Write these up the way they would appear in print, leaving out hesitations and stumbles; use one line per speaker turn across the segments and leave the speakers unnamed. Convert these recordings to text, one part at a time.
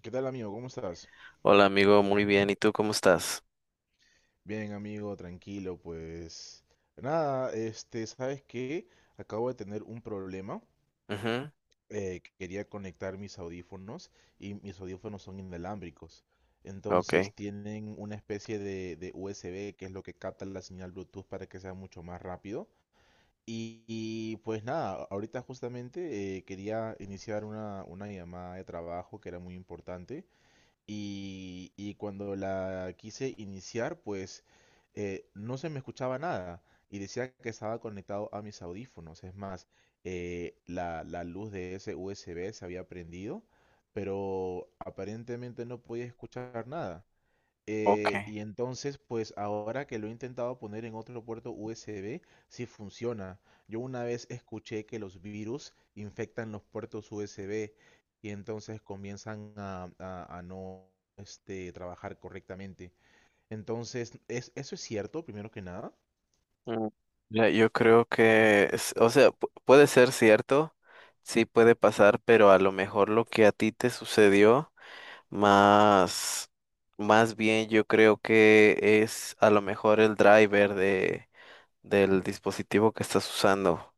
¿Qué tal, amigo? ¿Cómo estás?
Hola amigo, muy bien. ¿Y tú cómo estás?
Bien, amigo, tranquilo, pues nada, este, ¿sabes qué? Acabo de tener un problema.
Ujú.
Que quería conectar mis audífonos y mis audífonos son inalámbricos. Entonces
Ok.
tienen una especie de USB, que es lo que capta la señal Bluetooth para que sea mucho más rápido. Pues nada, ahorita justamente quería iniciar una llamada de trabajo que era muy importante y cuando la quise iniciar, pues no se me escuchaba nada y decía que estaba conectado a mis audífonos. Es más, la luz de ese USB se había prendido, pero aparentemente no podía escuchar nada.
Ok.
Y entonces, pues ahora que lo he intentado poner en otro puerto USB, sí funciona. Yo una vez escuché que los virus infectan los puertos USB y entonces comienzan a no, este, trabajar correctamente. Entonces, ¿ eso es cierto, primero que nada?
Mm, mira, yo creo que, puede ser cierto, sí puede pasar, pero a lo mejor lo que a ti te sucedió, más, más bien yo creo que es a lo mejor el driver del dispositivo que estás usando.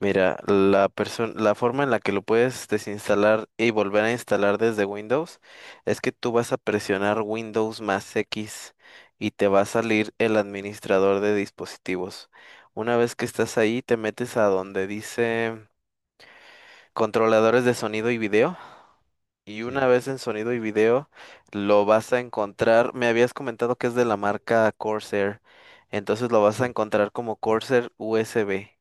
Mira, la forma en la que lo puedes desinstalar y volver a instalar desde Windows es que tú vas a presionar Windows más X y te va a salir el administrador de dispositivos. Una vez que estás ahí, te metes a donde dice controladores de sonido y video. Y una
Sí,
vez en sonido y video, lo vas a encontrar. Me habías comentado que es de la marca Corsair. Entonces lo vas a
sí.
encontrar como Corsair USB.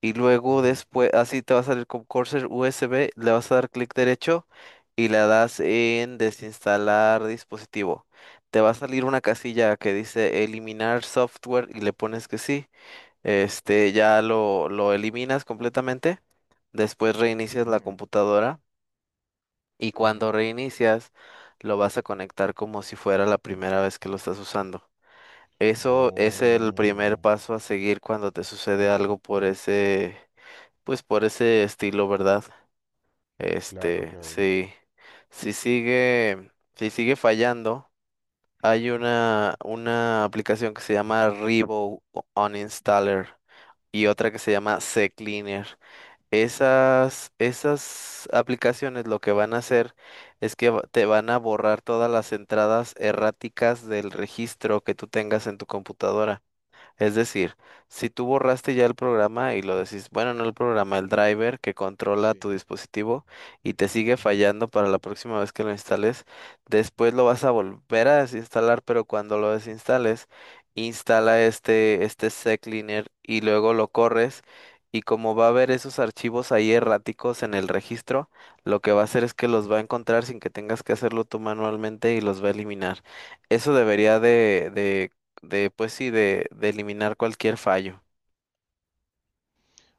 Y luego
Ujú,
después, así te va a salir con Corsair USB, le vas a dar clic derecho y le das en desinstalar dispositivo. Te va a salir una casilla que dice eliminar software y le pones que sí. Este, ya lo eliminas completamente. Después reinicias la
ujú,
computadora y
ujú.
cuando reinicias lo vas a conectar como si fuera la primera vez que lo estás usando. Eso es el primer
Oh,
paso a seguir cuando te sucede algo por ese pues por ese estilo, ¿verdad?
claro,
Este,
claro.
sí, si sigue fallando, hay una aplicación que se llama Revo Uninstaller y otra que se llama CCleaner. Esas aplicaciones lo que van a hacer es que te van a borrar todas las entradas erráticas del registro que tú tengas en tu computadora. Es decir, si tú borraste ya el programa y lo decís, bueno, no el programa, el driver que controla
Sí,
tu dispositivo y te sigue
ujú,
fallando para la próxima vez que lo instales, después lo vas a volver a desinstalar, pero cuando lo desinstales, instala este sec cleaner y luego lo corres. Y como va a haber esos archivos ahí erráticos en el registro, lo que va a hacer es que los
sí.
va a encontrar sin que tengas que hacerlo tú manualmente y los va a eliminar. Eso debería de pues sí, de eliminar cualquier fallo.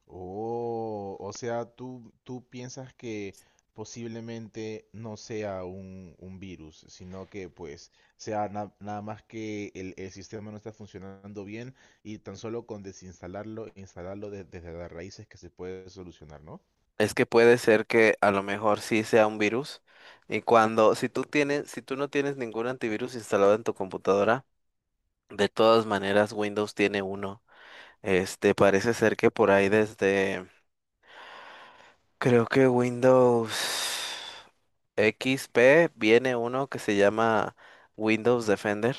Oh, o sea, tú piensas que posiblemente no sea un virus, sino que pues sea nada más que el sistema no está funcionando bien y tan solo con desinstalarlo, instalarlo desde las raíces, que se puede solucionar, ¿no?
Es que puede ser que a lo mejor sí sea un virus y si tú tienes, si tú no tienes ningún antivirus instalado en tu computadora, de todas maneras Windows tiene uno. Este, parece ser que por ahí creo que Windows XP viene uno que se llama Windows Defender.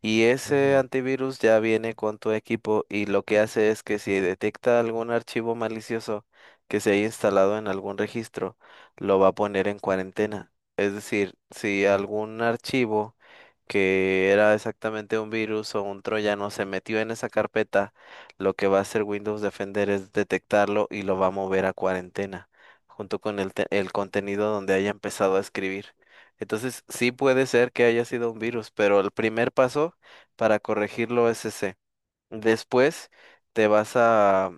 Y ese
Ujú,
antivirus ya viene con tu equipo y lo que hace es que si detecta algún archivo malicioso que se haya instalado en algún registro, lo va a poner en cuarentena. Es decir, si
ujú.
algún archivo que era exactamente un virus o un troyano se metió en esa carpeta, lo que va a hacer Windows Defender es detectarlo y lo va a mover a cuarentena, junto con el contenido donde haya empezado a escribir. Entonces, sí puede ser que haya sido un virus, pero el primer paso para corregirlo C. Después te vas a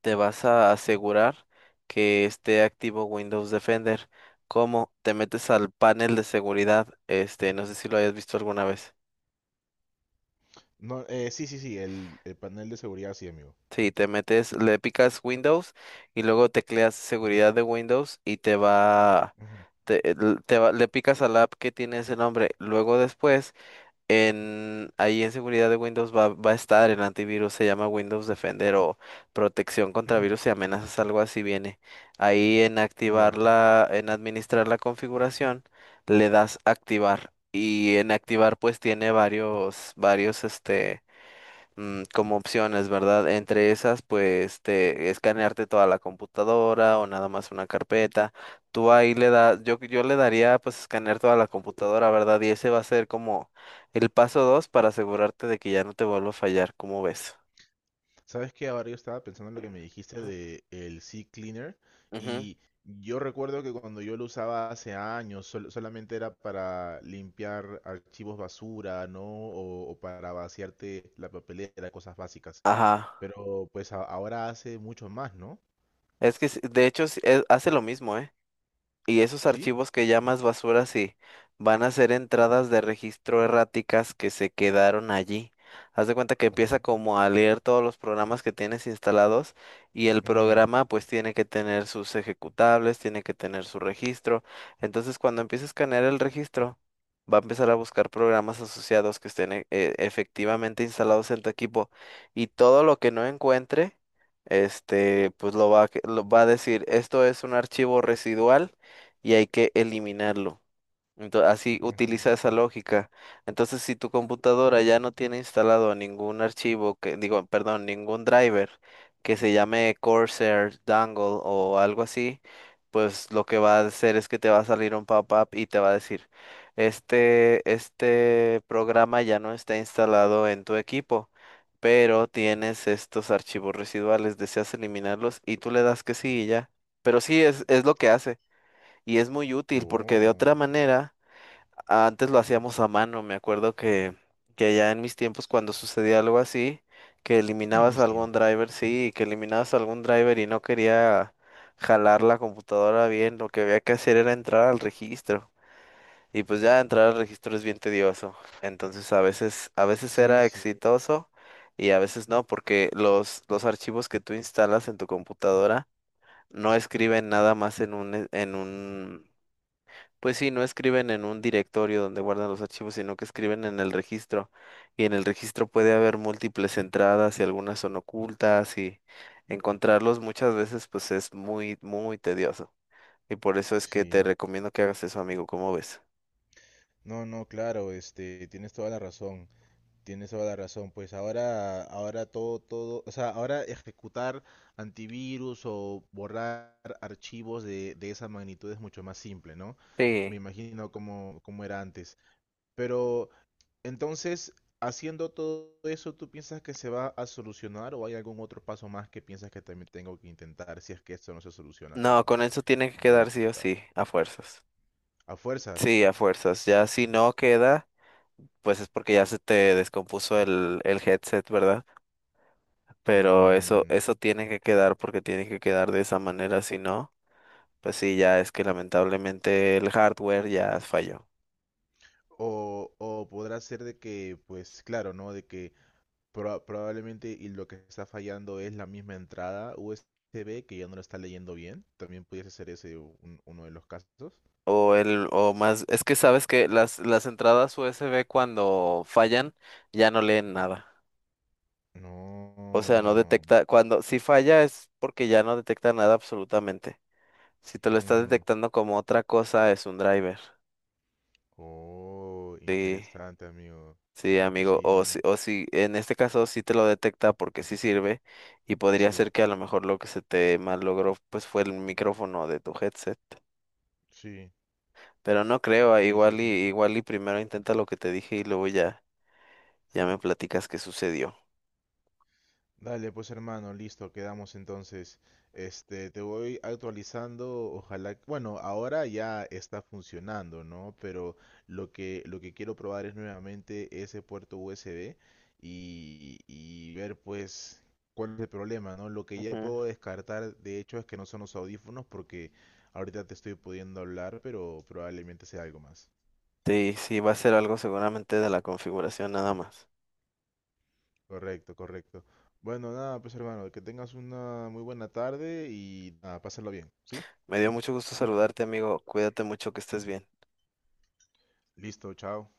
te vas a asegurar que esté activo Windows Defender. ¿Cómo? Te metes al panel de seguridad, este, no sé si lo hayas visto alguna vez.
No, sí, sí, sí, el panel de seguridad, sí, amigo.
Sí, te metes, le picas Windows y luego tecleas seguridad de Windows y
Ujú,
te, l- te va, le picas a la app que tiene ese nombre. Luego después ahí en seguridad de Windows va a estar el antivirus, se llama Windows Defender o protección contra
ujú,
virus y amenazas, algo así viene. Ahí en
ya.
en administrar la configuración, le das activar. Y en activar pues tiene varios este mm, como opciones, ¿verdad? Entre esas, pues, te escanearte toda la computadora o nada más una carpeta. Tú ahí le das, yo le daría, pues, escanear toda la computadora, ¿verdad? Y ese va a ser como el paso dos para asegurarte de que ya no te vuelva a fallar, ¿cómo ves?
Sabes que ahora yo estaba pensando en lo que me dijiste de el Sea Cleaner,
Ujú.
y yo recuerdo que cuando yo lo usaba hace años solamente era para limpiar archivos basura, ¿no? O para vaciarte la papelera, cosas básicas.
Ajá.
Pero pues ahora hace mucho más, ¿no?
Es que, sí, de hecho, sí, hace lo mismo, ¿eh? Y esos
¿Sí?
archivos que llamas basura, sí, van a ser entradas de registro erráticas que se quedaron allí. Haz de cuenta que
Oh.
empieza como a leer todos los programas que tienes instalados y el
Ujú,
programa pues tiene que tener sus ejecutables, tiene que tener su registro. Entonces cuando empiece a escanear el registro, va a empezar a buscar programas asociados que estén efectivamente instalados en tu equipo y todo lo que no encuentre, este, pues lo va a decir, esto es un archivo residual y hay que eliminarlo. Entonces, así
ujú.
utiliza esa lógica. Entonces, si tu computadora ya no tiene instalado ningún archivo que, digo, perdón, ningún driver que se llame Corsair, Dangle o algo así, pues lo que va a hacer es que te va a salir un pop-up y te va a decir, este programa ya no está instalado en tu equipo. Pero tienes estos archivos residuales, deseas eliminarlos y tú le das que sí y ya. Pero sí, es lo que hace. Y es muy útil porque de otra
Oh.
manera, antes lo hacíamos a mano. Me acuerdo que ya en mis tiempos cuando sucedía algo así, que
En
eliminabas
mis
algún
tiempos.
driver, sí, que eliminabas algún driver y no quería jalar la computadora bien, lo que había que hacer era entrar al registro. Y pues ya entrar al registro es bien tedioso. Entonces a veces
Sí,
era
sí,
exitoso y a veces no, porque los archivos que tú instalas en tu computadora no escriben nada más en un pues sí, no escriben en un directorio donde guardan los archivos, sino que escriben en el registro. Y en el registro puede haber múltiples entradas y algunas son ocultas y encontrarlos muchas veces pues es muy tedioso. Y por eso es que te
sí.
recomiendo que hagas eso, amigo, ¿cómo ves?
No, no, claro, este, tienes toda la razón. Tienes toda la razón, pues ahora, ahora todo, todo, o sea, ahora ejecutar antivirus o borrar archivos de esa magnitud es mucho más simple, ¿no? Me
Sí.
imagino cómo, cómo era antes. Pero entonces, haciendo todo eso, ¿tú piensas que se va a solucionar o hay algún otro paso más que piensas que también tengo que intentar si es que esto no se soluciona con
No, con eso tiene que
todo lo
quedar sí o
aplicado?
sí, a fuerzas.
A fuerzas.
Sí, a fuerzas. Ya si no queda, pues es porque ya se te descompuso el headset, ¿verdad? Pero
Mm,
eso tiene que quedar porque tiene que quedar de esa manera, si no. Pues sí, ya es que lamentablemente el hardware ya falló.
o podrá ser de que, pues claro, ¿no? De que probablemente y lo que está fallando es la misma entrada USB, que ya no lo está leyendo bien. También pudiese ser ese uno de los casos.
O el, o más, es que sabes que las entradas USB cuando fallan ya no leen nada. O sea, no
No.
detecta, cuando si falla es porque ya no detecta nada absolutamente. Si te lo está
Ujú.
detectando como otra cosa, es un driver.
Oh,
Sí,
interesante, amigo.
sí, amigo.
Sí, amigo.
O si, en este caso sí te lo detecta porque sí sirve. Y podría
Sí,
ser que a lo mejor lo que se te mal logró pues fue el micrófono de tu headset.
sí,
Pero no creo, ah,
sí, sí, sí.
igual y primero intenta lo que te dije y luego ya, ya me platicas qué sucedió.
Dale, pues hermano, listo, quedamos entonces. Este, te voy actualizando, ojalá, bueno, ahora ya está funcionando, ¿no? Pero lo que quiero probar es nuevamente ese puerto USB y ver pues cuál es el problema, ¿no? Lo que ya
Ujú.
puedo descartar, de hecho, es que no son los audífonos porque ahorita te estoy pudiendo hablar, pero probablemente sea algo más.
Sí, sí, va a ser algo seguramente de la configuración nada más.
Correcto, correcto. Bueno, nada, pues hermano, que tengas una muy buena tarde y nada, pásalo bien, ¿sí?
Me dio mucho gusto saludarte, amigo. Cuídate mucho, que estés bien.
Listo, chao.